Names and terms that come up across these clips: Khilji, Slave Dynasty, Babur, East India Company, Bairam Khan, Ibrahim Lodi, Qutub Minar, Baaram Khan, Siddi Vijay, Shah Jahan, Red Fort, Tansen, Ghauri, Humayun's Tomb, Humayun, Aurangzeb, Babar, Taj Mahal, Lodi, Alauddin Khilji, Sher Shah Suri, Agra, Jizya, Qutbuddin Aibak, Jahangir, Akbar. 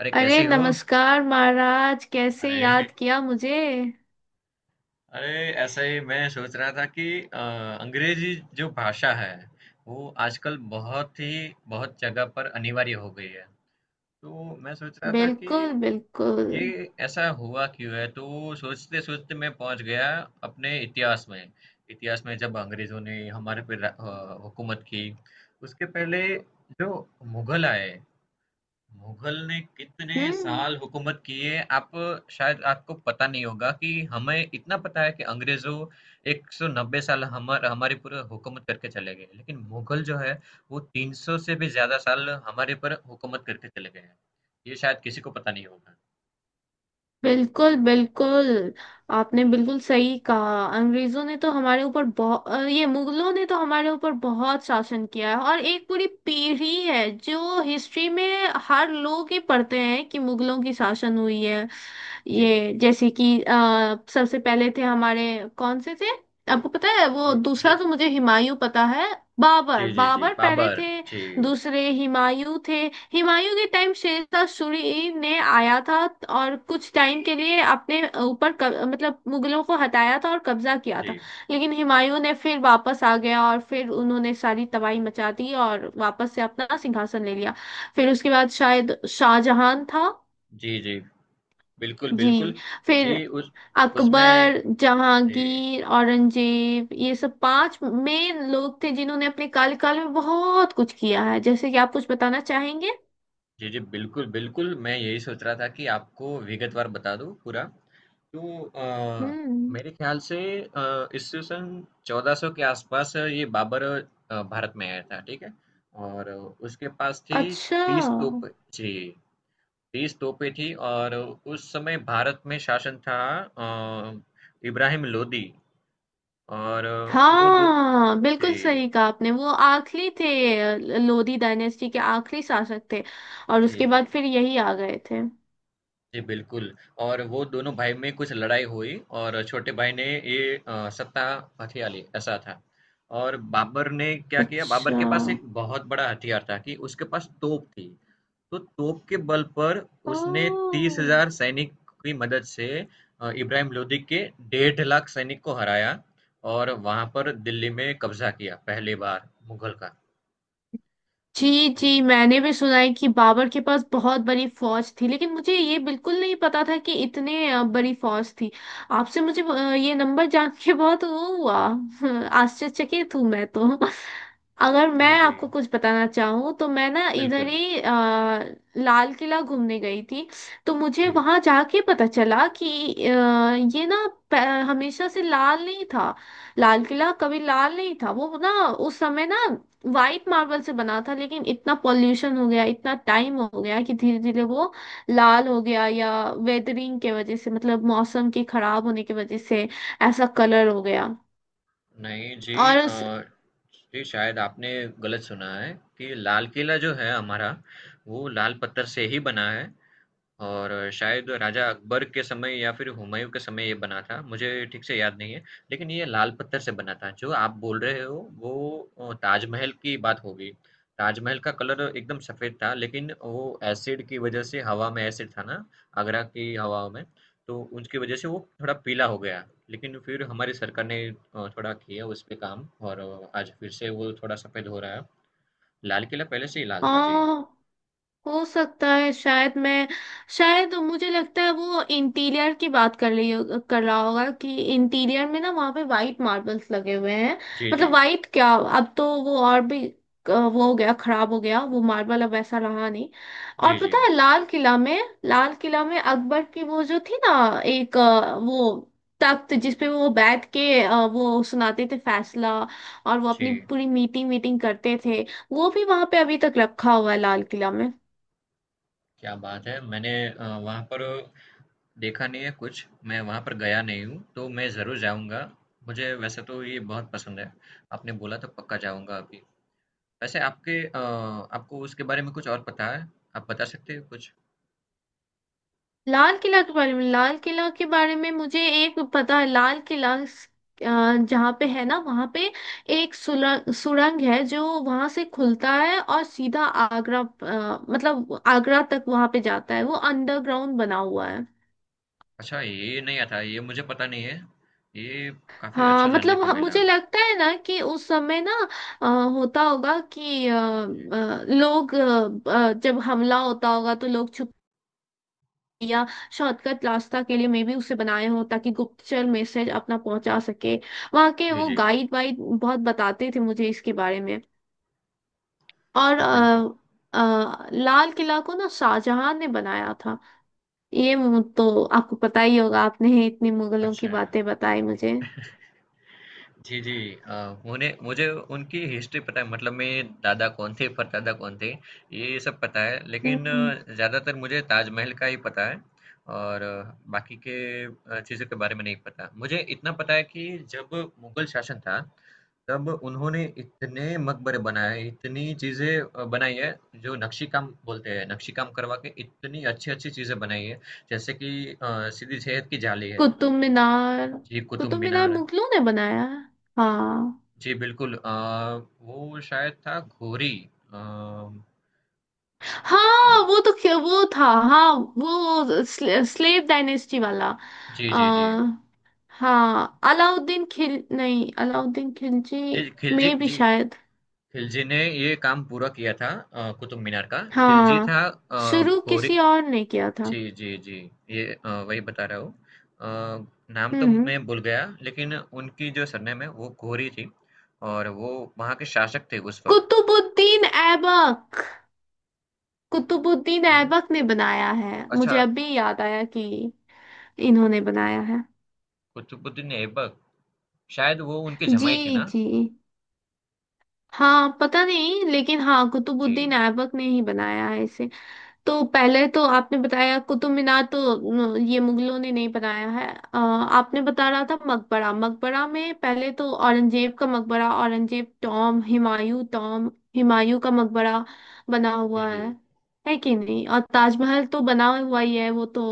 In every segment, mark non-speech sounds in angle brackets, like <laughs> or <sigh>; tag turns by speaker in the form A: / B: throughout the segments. A: अरे,
B: अरे,
A: कैसी हो?
B: नमस्कार महाराज, कैसे
A: अरे।
B: याद किया मुझे?
A: अरे। ऐसा ही मैं सोच रहा था कि अ, अंग्रेजी जो भाषा है वो आजकल बहुत ही बहुत जगह पर अनिवार्य हो गई है। तो मैं सोच रहा था कि
B: बिल्कुल, बिल्कुल।
A: ये ऐसा हुआ क्यों है, तो सोचते सोचते मैं पहुंच गया अपने इतिहास में। इतिहास में जब अंग्रेजों ने हमारे पे हुकूमत की। उसके पहले जो मुगल आए, मुगल ने कितने
B: हम्म।
A: साल हुकूमत की है? आप शायद आपको पता नहीं होगा। कि हमें इतना पता है कि अंग्रेजों 190 साल हमारे पूरे हुकूमत करके चले गए, लेकिन मुगल जो है वो 300 से भी ज्यादा साल हमारे पर हुकूमत करके चले गए हैं। ये शायद किसी को पता नहीं होगा।
B: बिल्कुल, बिल्कुल। आपने बिल्कुल सही कहा, अंग्रेजों ने तो हमारे ऊपर बहुत ये, मुगलों ने तो हमारे ऊपर बहुत शासन किया है। और एक पूरी पीढ़ी है जो हिस्ट्री में हर लोग ही पढ़ते हैं कि मुगलों की शासन हुई है।
A: जी।
B: ये जैसे कि सबसे पहले थे हमारे, कौन से थे? आपको पता है? वो
A: जी। जी।
B: दूसरा तो मुझे हुमायूं पता है।
A: जी।
B: बाबर,
A: जी। जी,
B: बाबर पहले
A: बाबर।
B: थे।
A: जी।
B: दूसरे हुमायूं थे। हुमायूं के टाइम शेरशाह सूरी ने आया था और कुछ टाइम के लिए अपने ऊपर मतलब मुगलों को हटाया था और कब्जा किया था।
A: जी।
B: लेकिन हुमायूं ने फिर वापस आ गया और फिर उन्होंने सारी तबाही मचा दी और वापस से अपना सिंहासन ले लिया। फिर उसके बाद शायद शाहजहां था।
A: जी। जी, बिल्कुल
B: जी।
A: बिल्कुल।
B: फिर
A: जी। उस उसमें
B: अकबर,
A: जी,
B: जहांगीर, औरंगजेब ये सब पांच मेन लोग थे जिन्होंने अपने कार्यकाल में बहुत कुछ किया है। जैसे कि आप कुछ बताना चाहेंगे?
A: जी, जी, बिल्कुल, बिल्कुल, मैं यही सोच रहा था कि आपको विगतवार बता दूँ पूरा। तो
B: हम्म।
A: मेरे ख़्याल से ईस्वी सन 1400 के आसपास ये बाबर भारत में आया था, ठीक है? और उसके पास थी
B: अच्छा।
A: 30 तोप, जी, 30 तोपें थी। और उस समय भारत में शासन था अ, इब्राहिम लोदी। और वो दो,
B: हाँ, बिल्कुल
A: जी,
B: सही कहा आपने, वो आखिरी थे। लोधी डायनेस्टी के आखिरी शासक थे और
A: जी,
B: उसके
A: जी।
B: बाद फिर यही आ गए थे।
A: जी, बिल्कुल। और वो दोनों भाई में कुछ लड़ाई हुई, और छोटे भाई ने ये सत्ता हथिया ली, ऐसा था। और बाबर ने क्या किया, बाबर
B: अच्छा।
A: के पास एक बहुत बड़ा हथियार था कि उसके पास तोप थी। तो तोप के बल पर उसने तीस
B: ओ।
A: हजार सैनिक की मदद से इब्राहिम लोदी के 1.5 लाख सैनिक को हराया। और वहां पर दिल्ली में कब्जा किया, पहली बार मुगल का।
B: जी, जी,
A: जी।
B: मैंने भी सुना है कि बाबर के पास बहुत बड़ी फौज थी, लेकिन मुझे ये बिल्कुल नहीं पता था कि इतने बड़ी फौज थी। आपसे मुझे ये नंबर जान के बहुत वो हुआ। <laughs> आश्चर्यचकित हूँ मैं तो। अगर मैं
A: जी। जी,
B: आपको कुछ बताना चाहूँ तो मैं ना इधर
A: बिल्कुल।
B: ही लाल किला घूमने गई थी, तो मुझे
A: जी।
B: वहां जाके पता चला कि अ, ये ना प- हमेशा से लाल नहीं था। लाल किला कभी लाल नहीं था, वो ना उस समय ना वाइट मार्बल से बना था, लेकिन इतना पॉल्यूशन हो गया, इतना टाइम हो गया कि धीरे धीरे वो लाल हो गया, या वेदरिंग के वजह से, मतलब मौसम के खराब होने की वजह से ऐसा कलर हो गया।
A: नहीं जी।
B: और
A: अ,
B: उस
A: जी, शायद आपने गलत सुना है। कि लाल किला जो है हमारा, वो लाल पत्थर से ही बना है। और शायद राजा अकबर के समय या फिर हुमायूं के समय ये बना था, मुझे ठीक से याद नहीं है। लेकिन ये लाल पत्थर से बना था। जो आप बोल रहे हो वो ताजमहल की बात होगी। ताजमहल का कलर एकदम सफ़ेद था, लेकिन वो एसिड की वजह से, हवा में एसिड था ना, आगरा की हवाओं में, तो उसकी वजह से वो थोड़ा पीला हो गया। लेकिन फिर हमारी सरकार ने थोड़ा किया उस पे काम, और आज फिर से वो थोड़ा सफ़ेद हो रहा है। लाल किला पहले से ही लाल था। जी।
B: हाँ। हो सकता है। शायद मुझे लगता है वो इंटीरियर की बात कर रहा होगा कि इंटीरियर में ना वहाँ पे वाइट मार्बल्स लगे हुए हैं।
A: जी, जी।
B: मतलब वाइट क्या, अब तो वो और भी वो हो गया, खराब हो गया वो मार्बल, अब ऐसा रहा नहीं। और
A: जी, जी।
B: पता है लाल किला में, लाल किला में अकबर की वो जो थी ना, एक वो तख्त जिसपे वो बैठ के वो सुनाते थे फैसला और वो अपनी
A: जी।
B: पूरी मीटिंग मीटिंग करते थे, वो भी वहां पे अभी तक रखा हुआ है लाल किला में।
A: क्या बात है! मैंने वहाँ पर देखा नहीं है कुछ, मैं वहाँ पर गया नहीं हूँ, तो मैं ज़रूर जाऊँगा। मुझे वैसे तो ये बहुत पसंद है, आपने बोला तो पक्का जाऊँगा अभी। वैसे आपके आपको उसके बारे में कुछ और पता है? आप बता सकते हो कुछ?
B: लाल किला के बारे में लाल किला के बारे में मुझे एक पता है। लाल किला अ, जहाँ पे है ना वहाँ पे एक सुरंग सुरंग है जो वहाँ से खुलता है और सीधा आगरा, मतलब आगरा तक वहाँ पे जाता है, वो अंडरग्राउंड बना हुआ है।
A: अच्छा, ये नहीं आता, ये मुझे पता नहीं है। ये काफ़ी
B: हाँ,
A: अच्छा जानने
B: मतलब
A: को मिला।
B: मुझे लगता है ना कि उस समय ना अ, होता होगा कि
A: जी,
B: लोग जब हमला होता होगा तो लोग या शॉर्टकट रास्ता के लिए मे भी उसे बनाए हो ताकि गुप्तचर मैसेज अपना पहुंचा सके। वहाँ के
A: जी,
B: वो
A: जी,
B: गाइड वाइड बहुत बताते थे मुझे इसके बारे में। और
A: जी, बिल्कुल।
B: लाल किला को ना शाहजहां ने बनाया था। ये तो आपको पता ही होगा, आपने इतनी मुगलों की
A: अच्छा।
B: बातें बताई मुझे।
A: जी, जी। उन्हें मुझे उनकी हिस्ट्री पता है, मतलब मेरे दादा कौन थे, परदादा कौन थे, ये सब पता है। लेकिन
B: हम्म।
A: ज़्यादातर मुझे ताजमहल का ही पता है, और बाकी के चीज़ों के बारे में नहीं पता। मुझे इतना पता है कि जब मुग़ल शासन था, तब उन्होंने इतने मकबरे बनाए, इतनी चीज़ें बनाई है, जो नक्शी काम बोलते हैं। नक्शी काम करवा के इतनी अच्छी-अच्छी चीज़ें बनाई है। जैसे कि सिद्दी विजय की जाली है।
B: कुतुब मीनार।
A: जी, कुतुब
B: कुतुब मीनार
A: मीनार।
B: मुगलों ने बनाया है। हाँ।
A: जी, बिल्कुल। वो शायद था घोरी। अ,
B: हाँ, वो तो वो था। हाँ, वो स्लेव डायनेस्टी वाला।
A: जी,
B: आ,
A: जी, जी।
B: हाँ, अलाउद्दीन खिल नहीं, अलाउद्दीन खिलजी
A: जी, खिलजी,
B: में भी
A: जी,
B: शायद।
A: खिलजी ने ये काम पूरा किया था कुतुब मीनार का। खिलजी था।
B: हाँ, शुरू
A: घोरी।
B: किसी और ने किया था।
A: जी, जी, जी। ये वही बता रहा हूँ। अ, नाम तो
B: हम्म।
A: मैं भूल गया, लेकिन उनकी जो सरनेम है वो घोरी थी। और वो वहाँ के शासक थे उस वक़्त।
B: कुतुबुद्दीन ऐबक। कुतुबुद्दीन
A: हुँ।
B: ऐबक ने बनाया है,
A: अच्छा,
B: मुझे अभी याद आया कि इन्होंने बनाया है।
A: कुतुबुद्दीन ऐबक, शायद वो उनके
B: जी,
A: जमाई थे ना?
B: जी। हाँ, पता नहीं, लेकिन हाँ,
A: जी।
B: कुतुबुद्दीन ऐबक ने ही बनाया है इसे। तो पहले तो आपने बताया कुतुब मीनार तो न, ये मुगलों ने नहीं बनाया है। आपने बता रहा था मकबरा। मकबरा में पहले तो औरंगजेब का मकबरा, औरंगजेब टॉम, हुमायूं टॉम, हुमायूं का मकबरा बना
A: जी,
B: हुआ
A: जी।
B: है कि नहीं? और ताजमहल तो बना हुआ ही है, वो तो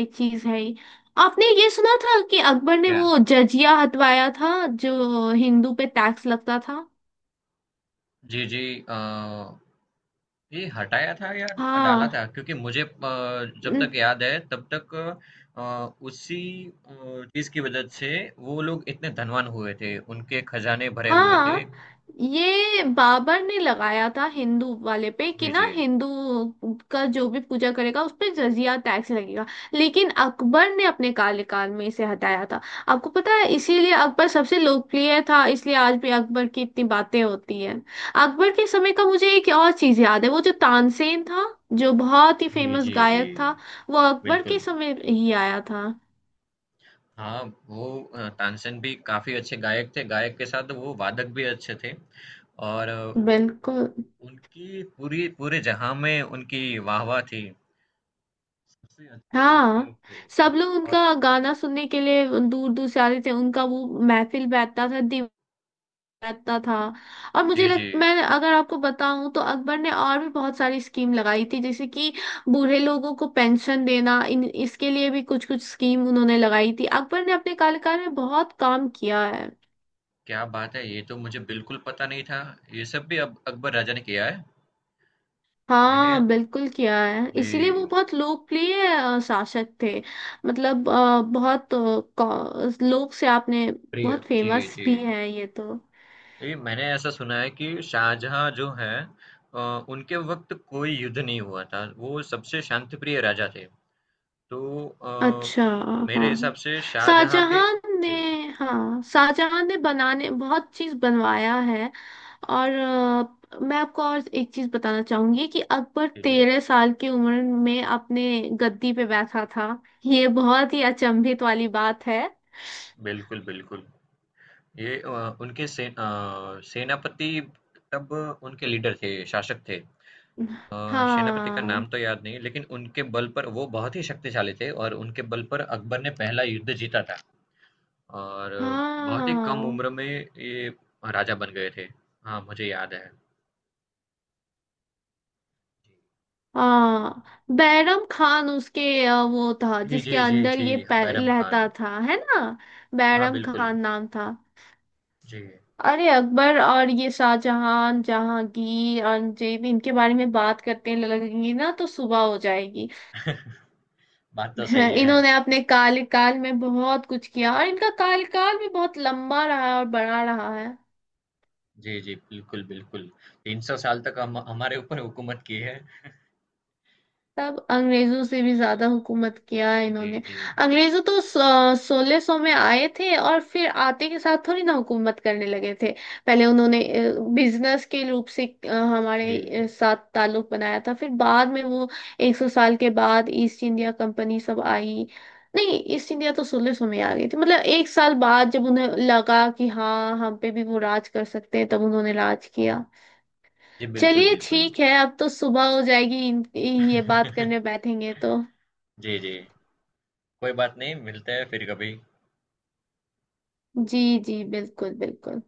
B: एक चीज है ही। आपने ये सुना था कि अकबर ने
A: क्या?
B: वो जजिया हटवाया था जो हिंदू पे टैक्स लगता था?
A: जी, जी। अ ये हटाया था या डाला
B: हाँ।
A: था, क्योंकि मुझे, जब तक याद है तब तक, अ, उसी चीज की वजह से वो लोग इतने धनवान हुए थे, उनके खजाने भरे हुए थे।
B: हाँ, ये बाबर ने लगाया था हिंदू वाले पे कि
A: जी।
B: ना
A: जी।
B: हिंदू का जो भी पूजा करेगा उस पे जजिया टैक्स लगेगा, लेकिन अकबर ने अपने कार्यकाल में इसे हटाया था। आपको पता है इसीलिए अकबर सबसे लोकप्रिय था, इसलिए आज भी अकबर की इतनी बातें होती हैं। अकबर के समय का मुझे एक और चीज याद है, वो जो तानसेन था जो बहुत ही
A: जी।
B: फेमस
A: जी। जी,
B: गायक था, वो अकबर
A: बिल्कुल।
B: के समय ही आया था।
A: हाँ। वो तानसेन भी काफी अच्छे गायक थे, गायक के साथ वो वादक भी अच्छे थे। और
B: बिल्कुल।
A: उनकी पूरी, पूरे जहां में उनकी वाहवाह थी, सबसे अच्छे गायक
B: हाँ।
A: थे।
B: सब लोग उनका
A: और
B: गाना सुनने के लिए दूर दूर से आते थे, उनका वो महफिल बैठता था, दीवार बैठता था। और मुझे
A: जी।
B: लग,
A: जी।
B: मैं अगर आपको बताऊं तो अकबर ने और भी बहुत सारी स्कीम लगाई थी, जैसे कि बूढ़े लोगों को पेंशन देना, इन इसके लिए भी कुछ कुछ स्कीम उन्होंने लगाई थी। अकबर ने अपने कार्यकाल में बहुत काम किया है।
A: क्या बात है! ये तो मुझे बिल्कुल पता नहीं था। ये सब भी अब अकबर राजा ने किया है? मैंने,
B: हाँ, बिल्कुल किया है, इसीलिए
A: जी,
B: वो बहुत लोकप्रिय शासक थे। मतलब बहुत लोक से आपने
A: प्रिय
B: बहुत
A: जी,
B: फेमस
A: जी।
B: भी है ये तो।
A: जी, मैंने ऐसा सुना है कि शाहजहाँ जो हैं अ, उनके वक़्त कोई युद्ध नहीं हुआ था। वो सबसे शांतिप्रिय राजा थे। तो
B: अच्छा।
A: मेरे
B: हाँ,
A: हिसाब से शाहजहाँ के,
B: शाहजहां ने,
A: जी,
B: हाँ शाहजहां ने बनाने बहुत चीज बनवाया है। और मैं आपको और एक चीज बताना चाहूंगी कि अकबर
A: जी, जी।
B: 13 साल की उम्र में अपने गद्दी पे बैठा था। ये बहुत ही अचंभित वाली बात है।
A: बिल्कुल, बिल्कुल। ये उनके से सेनापति तब उनके लीडर थे, शासक थे। सेनापति का
B: हाँ,
A: नाम तो याद नहीं, लेकिन उनके बल पर वो बहुत ही शक्तिशाली थे, और उनके बल पर अकबर ने पहला युद्ध जीता था। और बहुत ही कम
B: हाँ,
A: उम्र में ये राजा बन गए थे। हाँ, मुझे याद है।
B: हाँ, बैरम खान उसके वो था
A: जी,
B: जिसके
A: जी, जी,
B: अंदर
A: जी।
B: ये
A: बैरम खान।
B: रहता था, है ना?
A: हाँ,
B: बैरम
A: बिल्कुल।
B: खान नाम था।
A: जी।
B: अरे, अकबर और ये शाहजहां जहांगीर अंजीब इनके बारे में बात करते लगेंगी ना तो सुबह हो जाएगी।
A: <laughs> बात तो
B: <laughs> हाँ,
A: सही है।
B: इन्होंने अपने काल काल में बहुत कुछ किया और इनका काल काल भी बहुत लंबा रहा है और बड़ा रहा है।
A: जी, जी, बिल्कुल, बिल्कुल, 300 साल तक हम हमारे ऊपर हुकूमत की है।
B: तब अंग्रेजों से भी ज्यादा हुकूमत किया है
A: जी।
B: इन्होंने।
A: जी।
B: अंग्रेजों तो 1600 में आए थे और फिर आते के साथ थोड़ी ना हुकूमत करने लगे थे। पहले उन्होंने बिजनेस के रूप से
A: जी।
B: हमारे साथ ताल्लुक बनाया था, फिर बाद में वो 100 साल के बाद ईस्ट इंडिया कंपनी सब आई। नहीं, ईस्ट इंडिया तो 1600 में आ गई थी, मतलब एक साल बाद जब उन्हें लगा कि हाँ हम पे भी वो राज कर सकते हैं, तब उन्होंने राज किया।
A: जी, बिल्कुल
B: चलिए
A: बिल्कुल।
B: ठीक है, अब तो सुबह हो जाएगी ये बात करने
A: <laughs>
B: बैठेंगे तो।
A: जी, जी। कोई बात नहीं, मिलते हैं फिर कभी।
B: जी, जी, बिल्कुल, बिल्कुल।